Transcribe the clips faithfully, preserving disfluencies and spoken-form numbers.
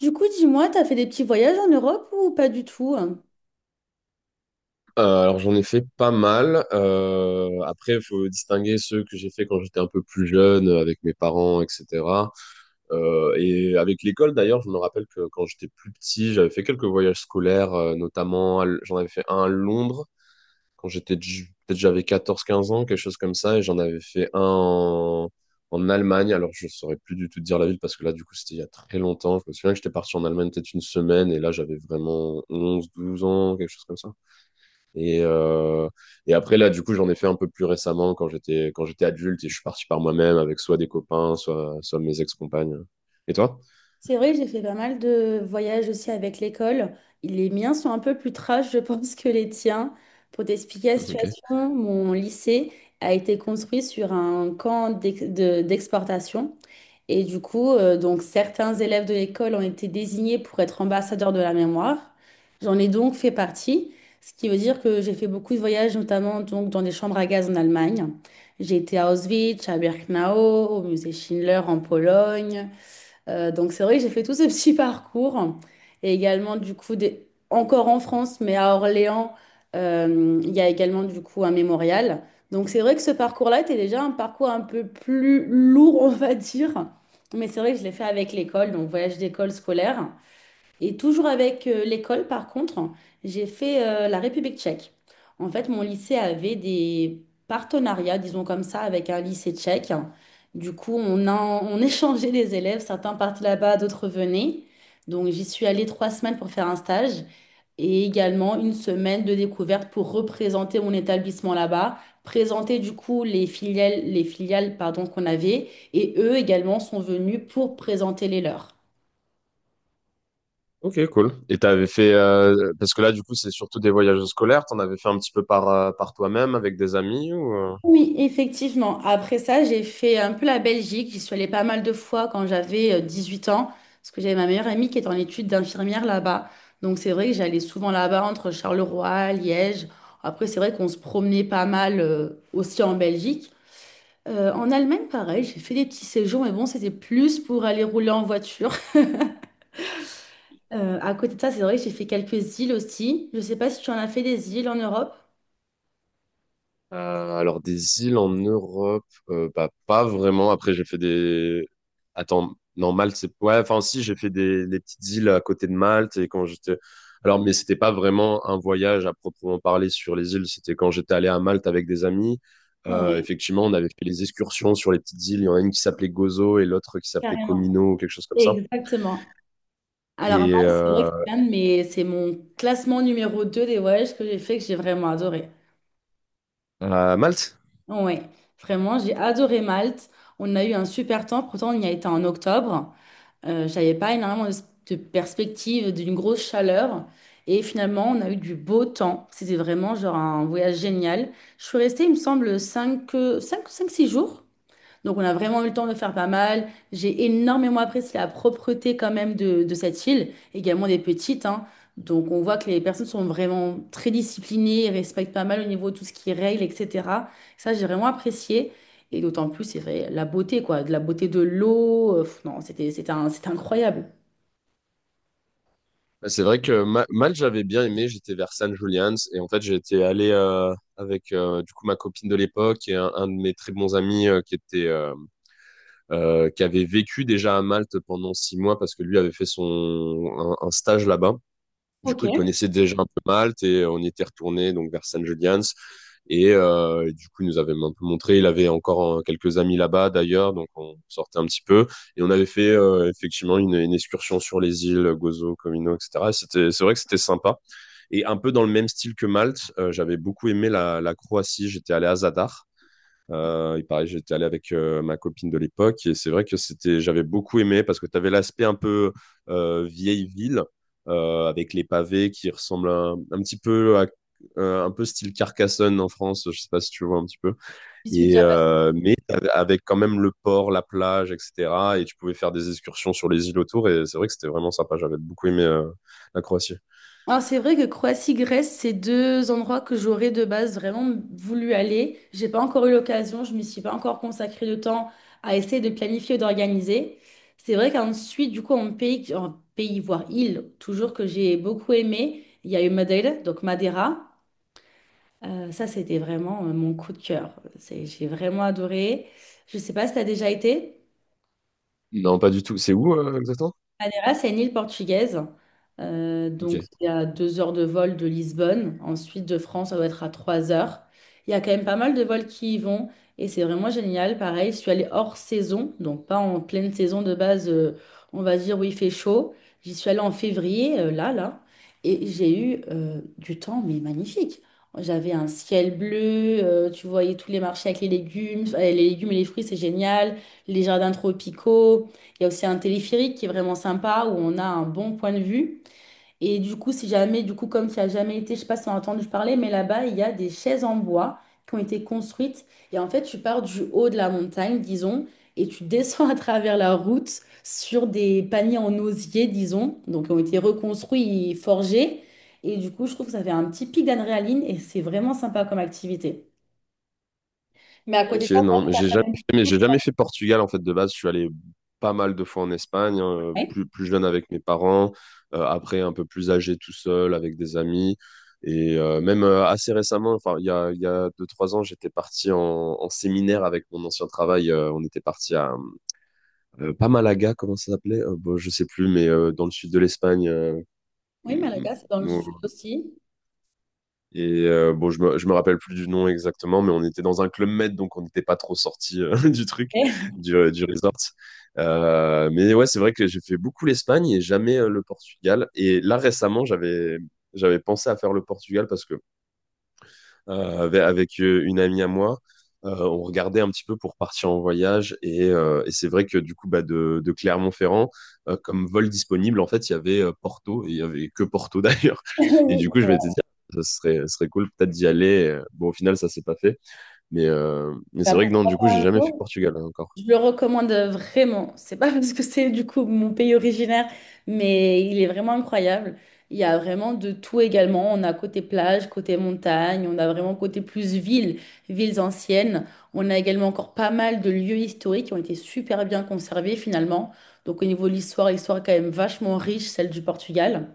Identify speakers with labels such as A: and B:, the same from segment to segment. A: Du coup, dis-moi, t'as fait des petits voyages en Europe ou pas du tout, hein?
B: Euh, alors j'en ai fait pas mal. Euh, après, il faut distinguer ceux que j'ai fait quand j'étais un peu plus jeune, euh, avec mes parents, et cetera. Euh, et avec l'école d'ailleurs, je me rappelle que quand j'étais plus petit, j'avais fait quelques voyages scolaires, euh, notamment à L- j'en avais fait un à Londres quand j'étais ju- peut-être j'avais quatorze, quinze ans, quelque chose comme ça, et j'en avais fait un en, en Allemagne. Alors je saurais plus du tout te dire la ville parce que là du coup c'était il y a très longtemps. Je me souviens que j'étais parti en Allemagne peut-être une semaine et là j'avais vraiment onze, douze ans, quelque chose comme ça. Et, euh, et après, là, du coup, j'en ai fait un peu plus récemment quand j'étais quand j'étais adulte et je suis parti par moi-même avec soit des copains, soit, soit mes ex-compagnes. Et toi?
A: C'est vrai, j'ai fait pas mal de voyages aussi avec l'école. Les miens sont un peu plus trash, je pense, que les tiens. Pour t'expliquer la
B: Ok.
A: situation, mon lycée a été construit sur un camp d'ex- de- d'exportation. Et du coup, euh, donc certains élèves de l'école ont été désignés pour être ambassadeurs de la mémoire. J'en ai donc fait partie, ce qui veut dire que j'ai fait beaucoup de voyages, notamment donc dans des chambres à gaz en Allemagne. J'ai été à Auschwitz, à Birkenau, au musée Schindler en Pologne. Euh, donc c'est vrai que j'ai fait tout ce petit parcours et également du coup des... encore en France, mais à Orléans. Euh, il y a également du coup un mémorial. Donc c'est vrai que ce parcours-là était déjà un parcours un peu plus lourd, on va dire, mais c'est vrai que je l'ai fait avec l'école, donc voyage d'école scolaire. Et toujours avec euh, l'école, par contre, j'ai fait euh, la République tchèque. En fait, mon lycée avait des partenariats, disons comme ça, avec un lycée tchèque. Du coup, on, en- on échangeait des élèves. Certains partaient là-bas, d'autres venaient. Donc, j'y suis allée trois semaines pour faire un stage et également une semaine de découverte pour représenter mon établissement là-bas, présenter du coup les filiales, les filiales, pardon, qu'on avait. Et eux également sont venus pour présenter les leurs.
B: Ok, cool. Et t'avais fait, euh, parce que là, du coup, c'est surtout des voyages scolaires, t'en avais fait un petit peu par, euh, par toi-même avec des amis ou? euh
A: Oui, effectivement. Après ça, j'ai fait un peu la Belgique. J'y suis allée pas mal de fois quand j'avais euh, huit ans, parce que j'avais ma meilleure amie qui est en études d'infirmière là-bas. Donc c'est vrai que j'allais souvent là-bas entre Charleroi, Liège. Après, c'est vrai qu'on se promenait pas mal euh, aussi en Belgique. Euh, en Allemagne, pareil, j'ai fait des petits séjours, mais bon, c'était plus pour aller rouler en voiture. Euh, à côté de ça, c'est vrai que j'ai fait quelques îles aussi. Je sais pas si tu en as fait des îles en Europe.
B: Euh, alors des îles en Europe, euh, bah, pas vraiment. Après j'ai fait des... Attends, non, Malte, c'est... Ouais, enfin si, j'ai fait des les petites îles à côté de Malte et quand j'étais... Alors mais c'était pas vraiment un voyage à proprement parler sur les îles, c'était quand j'étais allé à Malte avec des amis. Euh,
A: Oui,
B: effectivement, on avait fait les excursions sur les petites îles. Il y en a une qui s'appelait Gozo et l'autre qui s'appelait
A: carrément.
B: Comino ou quelque chose comme ça.
A: Exactement. Alors, moi,
B: Et
A: c'est vrai que
B: euh,
A: c'est l'un de mes- c'est mon classement numéro deux des voyages que j'ai fait que j'ai vraiment adoré.
B: à Malte?
A: Ouais, vraiment, j'ai adoré Malte. On a eu un super temps, pourtant on y a été en octobre. Euh, j'avais pas énormément de, de perspective d'une grosse chaleur. Et finalement, on a eu du beau temps. C'était vraiment genre un voyage génial. Je suis restée, il me semble, cinq euh, cinq cinq six jours. Donc, on a vraiment eu le temps de faire pas mal. J'ai énormément apprécié la propreté quand même de, de cette île, également des petites, hein. Donc, on voit que les personnes sont vraiment très disciplinées, et respectent pas mal au niveau de tout ce qui est règles, et cetera. Ça, j'ai vraiment apprécié. Et d'autant plus, c'est vrai, la beauté, quoi, de la beauté de l'eau. Euh, pff, non, c'était, c'était un- c'était incroyable.
B: Bah, c'est vrai que Ma- Malte, j'avais bien aimé. J'étais vers San Julian's et en fait, j'étais allé euh, avec euh, du coup ma copine de l'époque et un, un de mes très bons amis euh, qui était euh, euh, qui avait vécu déjà à Malte pendant six mois parce que lui avait fait son un, un stage là-bas. Du
A: Ok.
B: coup, il connaissait déjà un peu Malte et on y était retourné donc vers San Julian's. Et, euh, et du coup, il nous avait un peu montré. Il avait encore euh, quelques amis là-bas d'ailleurs, donc on sortait un petit peu. Et on avait fait euh, effectivement une, une excursion sur les îles Gozo, Comino, et cetera. Et cetera. C'était, c'est vrai que c'était sympa. Et un peu dans le même style que Malte, euh, j'avais beaucoup aimé la, la Croatie. J'étais allé à Zadar. Euh, il paraît, j'étais allé avec euh, ma copine de l'époque et c'est vrai que c'était, j'avais beaucoup aimé parce que tu avais l'aspect un peu euh, vieille ville euh, avec les pavés qui ressemblent un, un petit peu à euh, un peu style Carcassonne en France, je sais pas si tu vois un petit peu.
A: Je suis
B: Et
A: déjà.
B: euh, mais t'avais- avec quand même le port, la plage, et cetera. Et tu pouvais faire des excursions sur les îles autour et c'est vrai que c'était vraiment sympa. J'avais beaucoup aimé euh, la Croatie.
A: Alors c'est vrai que Croatie-Grèce, c'est deux endroits que j'aurais de base vraiment voulu aller. J'ai pas encore eu l'occasion, je m'y suis pas encore consacré de temps à essayer de planifier ou d'organiser. C'est vrai qu'ensuite, du coup, en pays, en pays, voire île, toujours que j'ai beaucoup aimé, il y a eu Madeira, donc Madeira. Euh, ça, c'était vraiment euh, mon coup de cœur. C'est, j'ai vraiment adoré. Je sais pas si tu as déjà été.
B: Non, pas du tout. C'est où euh, exactement?
A: Madeira, c'est une île portugaise. Euh,
B: Ok.
A: donc, c'est à deux heures de vol de Lisbonne. Ensuite, de France, ça doit être à trois heures. Il y a quand même pas mal de vols qui y vont. Et c'est vraiment génial. Pareil, je suis allée hors saison, donc pas en pleine saison de base, euh, on va dire où il fait chaud. J'y suis allée en février, euh, là, là. Et j'ai eu euh, du temps, mais magnifique. J'avais un ciel bleu, euh, tu voyais tous les marchés avec les légumes. Euh, Les légumes et les fruits, c'est génial. Les jardins tropicaux. Il y a aussi un téléphérique qui est vraiment sympa où on a un bon point de vue. Et du coup, si jamais, du coup, comme tu as jamais été, je sais pas si tu as entendu parler, mais là-bas, il y a des chaises en bois qui ont été construites. Et en fait, tu pars du haut de la montagne, disons, et tu descends à travers la route sur des paniers en osier, disons, donc qui ont été reconstruits et forgés. Et du coup, je trouve que ça fait un petit pic d'adrénaline et c'est vraiment sympa comme activité. Mais à côté
B: Ok,
A: de ça,
B: non, mais
A: t'as
B: j'ai
A: t'as quand
B: jamais
A: même.
B: fait, mais j'ai jamais fait Portugal en fait de base. Je suis allé pas mal de fois en Espagne, hein,
A: Oui,
B: plus, plus jeune avec mes parents, euh, après un peu plus âgé tout seul avec des amis. Et euh, même euh, assez récemment, enfin il y a, il y a deux, trois ans, j'étais parti en, en séminaire avec mon ancien travail. Euh, on était parti à euh, pas Malaga, comment ça s'appelait? Euh, bon, je sais plus, mais euh, dans le sud de l'Espagne. Euh,
A: oui, Malaga, c'est dans le sud aussi.
B: et euh, bon, je me, je me rappelle plus du nom exactement, mais on était dans un club med, donc on n'était pas trop sorti du truc, du, euh, du resort. Euh, mais ouais, c'est vrai que j'ai fait beaucoup l'Espagne et jamais euh, le Portugal. Et là, récemment, j'avais, j'avais pensé à faire le Portugal parce que euh, avec, avec, euh, une amie à moi. Euh, on regardait un petit peu pour partir en voyage et, euh, et c'est vrai que du coup bah, de, de Clermont-Ferrand euh, comme vol disponible en fait il y avait euh, Porto et il y avait que Porto d'ailleurs. Et du coup je m'étais dit ah, ce serait, ce serait cool peut-être d'y aller, bon au final ça s'est pas fait, mais, euh, mais c'est
A: Bah,
B: vrai que
A: pourquoi
B: non du coup
A: pas
B: j'ai
A: un
B: jamais fait
A: jour?
B: Portugal, hein, encore.
A: Je le recommande vraiment. C'est pas parce que c'est du coup mon pays originaire, mais il est vraiment incroyable. Il y a vraiment de tout également. On a côté plage, côté montagne, on a vraiment côté plus ville, villes anciennes. On a également encore pas mal de lieux historiques qui ont été super bien conservés finalement. Donc au niveau de l'histoire, l'histoire est quand même vachement riche, celle du Portugal.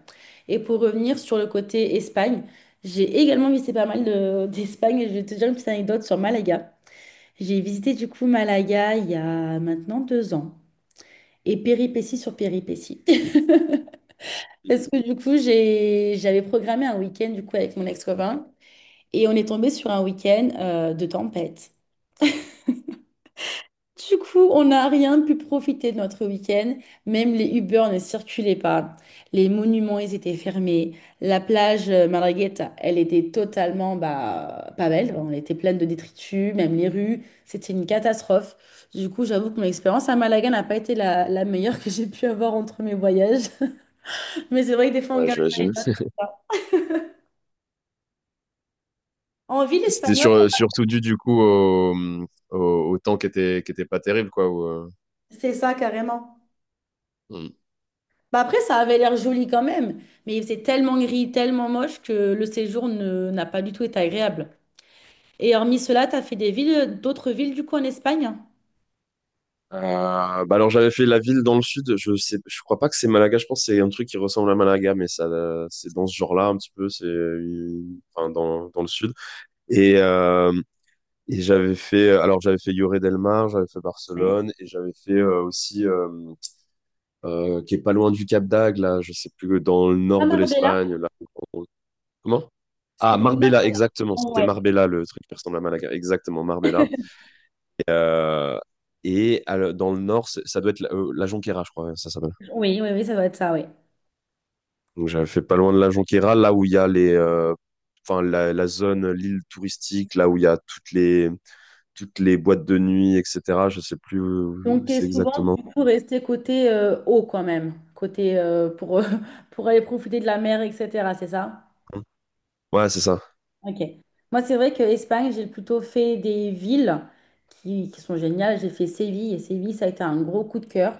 A: Et pour revenir sur le côté Espagne, j'ai également visité pas mal de- d'Espagne et je vais te dire une petite anecdote sur Malaga. J'ai visité du coup Malaga il y a maintenant deux ans et péripétie sur péripétie. Parce que du coup, j'ai, j'avais programmé un week-end du coup avec mon ex-copain et on est tombé sur un week-end euh, de tempête. Du coup, on n'a rien pu profiter de notre week-end. Même les Uber ne circulaient pas. Les monuments, ils étaient fermés. La plage euh, Margarita, elle était totalement, bah, pas belle, hein. Elle était pleine de détritus, même les rues. C'était une catastrophe. Du coup, j'avoue que mon expérience à Malaga n'a pas été la, la meilleure que j'ai pu avoir entre mes voyages. Mais c'est vrai que des fois, on
B: Ouais,
A: garde
B: j'imagine.
A: ça. En ville
B: C'était
A: espagnole,
B: sur, euh, surtout dû du coup au, au, au temps qui était, qui était pas terrible quoi, où euh,
A: c'est ça carrément. Bah après, ça avait l'air joli quand même, mais il faisait tellement gris, tellement moche que le séjour ne- n'a pas du tout été agréable. Et hormis cela, tu as fait des villes, d'autres villes du coup en Espagne?
B: Euh, bah alors j'avais fait la ville dans le sud, je sais, je crois pas que c'est Malaga, je pense que c'est un truc qui ressemble à Malaga, mais ça, euh, c'est dans ce genre-là un petit peu, c'est, une- enfin dans dans le sud. Et euh, et j'avais fait, alors j'avais fait Lloret del Mar, j'avais fait
A: Ouais.
B: Barcelone, et j'avais fait euh, aussi, euh, euh, qui est pas loin du Cap d'Agde là, je sais plus, dans le
A: À
B: nord de
A: Marbella?
B: l'Espagne là. Comment?
A: C'est
B: Ah
A: un
B: Marbella, exactement,
A: appartement,
B: c'était
A: ouais.
B: Marbella le truc qui ressemble à Malaga, exactement Marbella. Euh, et à le- dans le nord, c'est- ça doit être la, euh, la Jonquera, je crois, hein, ça s'appelle.
A: Oui, oui, oui, ça doit être ça, oui.
B: Donc j'avais fait pas loin de la Jonquera, là où il y a les, euh, enfin la, la zone, l'île touristique, là où il y a toutes les toutes les boîtes de nuit, et cetera. Je sais plus où où
A: Donc, tu es
B: c'est
A: souvent
B: exactement.
A: du coup resté côté euh, haut quand même, côté euh, pour, pour aller profiter de la mer, et cetera. C'est ça?
B: Ouais, c'est ça.
A: Ok. Moi, c'est vrai que Espagne, j'ai plutôt fait des villes qui, qui sont géniales. J'ai fait Séville et Séville, ça a été un gros coup de cœur.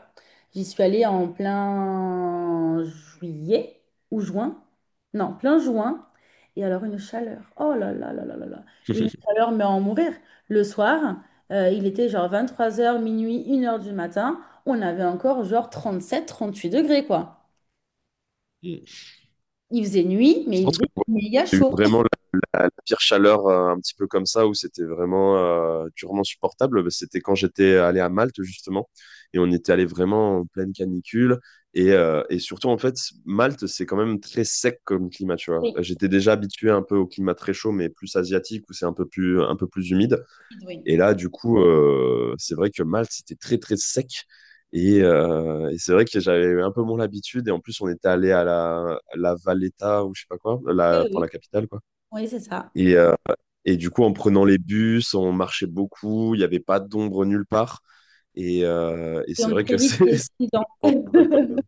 A: J'y suis allée en plein juillet ou juin. Non, plein juin. Et alors, une chaleur. Oh là là là là là là. Une chaleur, mais à en mourir. Le soir, euh, il était genre vingt-trois heures, minuit, une heure du matin. On avait encore genre trente-sept, trente-huit degrés, quoi. Il faisait nuit,
B: Je
A: mais il
B: pense que
A: faisait
B: le voyage,
A: méga
B: j'ai eu
A: chaud.
B: vraiment la, la- la pire chaleur, euh, un petit peu comme ça, où c'était vraiment euh, durement supportable. Bah, c'était quand j'étais allé à Malte, justement, et on était allé vraiment en pleine canicule. Et, euh, et surtout, en fait, Malte, c'est quand même très sec comme climat, tu vois.
A: Oui,
B: J'étais déjà habitué un peu au climat très chaud, mais plus asiatique, où c'est un peu plus, un peu plus humide.
A: oui,
B: Et là, du coup, euh, c'est vrai que Malte, c'était très, très sec. Et, euh, et c'est vrai que j'avais un peu moins l'habitude. Et en plus, on était allé à la, à la Valletta ou je sais pas quoi,
A: oui,
B: la, enfin
A: oui,
B: la capitale, quoi.
A: oui, c'est ça.
B: Et, euh, et du coup, en prenant les bus, on marchait beaucoup. Il n'y avait pas d'ombre nulle part. Et, euh, et
A: Et
B: c'est
A: on
B: vrai
A: très
B: que
A: vite,
B: c'est
A: c'est
B: c'est
A: épuisant.
B: pas mal quand même.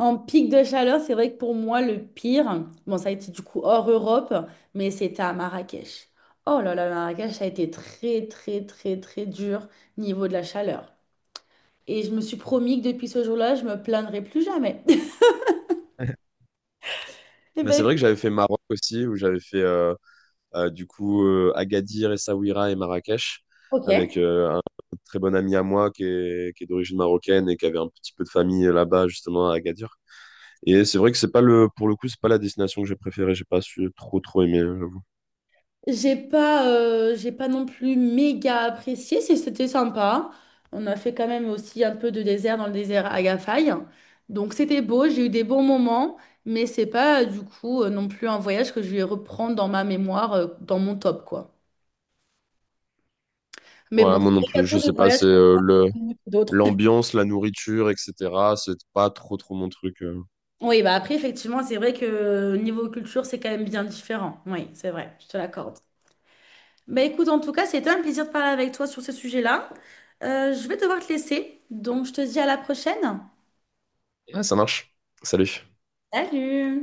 A: En pic de chaleur, c'est vrai que pour moi, le pire, bon, ça a été du coup hors Europe, mais c'était à Marrakech. Oh là là, Marrakech, ça a été très, très, très, très dur niveau de la chaleur. Et je me suis promis que depuis ce jour-là, je me plaindrai plus jamais. Eh
B: Bah,
A: ben,
B: c'est vrai
A: écoute,
B: que j'avais fait Maroc aussi, où j'avais fait euh, euh, du coup euh, Agadir, Essaouira et Marrakech avec
A: ok.
B: euh, très bon ami à moi qui est, qui est d'origine marocaine et qui avait un petit peu de famille euh, là-bas, justement, à Agadir. Et c'est vrai que c'est pas le, pour le coup, c'est pas la destination que j'ai préférée. J'ai pas su trop, trop aimer, j'avoue.
A: J'ai pas, euh, j'ai pas non plus méga apprécié, c'est- c'était sympa. On a fait quand même aussi un peu de désert dans le désert Agafay. Donc c'était beau, j'ai eu des bons moments, mais c'est pas euh, du coup euh, non plus un voyage que je vais reprendre dans ma mémoire, euh, dans mon top, quoi. Mais
B: Ouais,
A: bon, c'est
B: moi non
A: vrai qu'il y a
B: plus. Je
A: toujours des
B: sais pas,
A: voyages
B: c'est
A: qui
B: euh, le,
A: sont mieux que d'autres.
B: l'ambiance, la nourriture, et cetera. C'est pas trop, trop mon truc. euh.
A: Oui, bah après, effectivement, c'est vrai que niveau culture, c'est quand même bien différent. Oui, c'est vrai, je te l'accorde. Bah écoute, en tout cas, c'était un plaisir de parler avec toi sur ce sujet-là. Euh, je vais devoir te laisser, donc je te dis à la prochaine.
B: Ouais, ça marche. Salut.
A: Salut!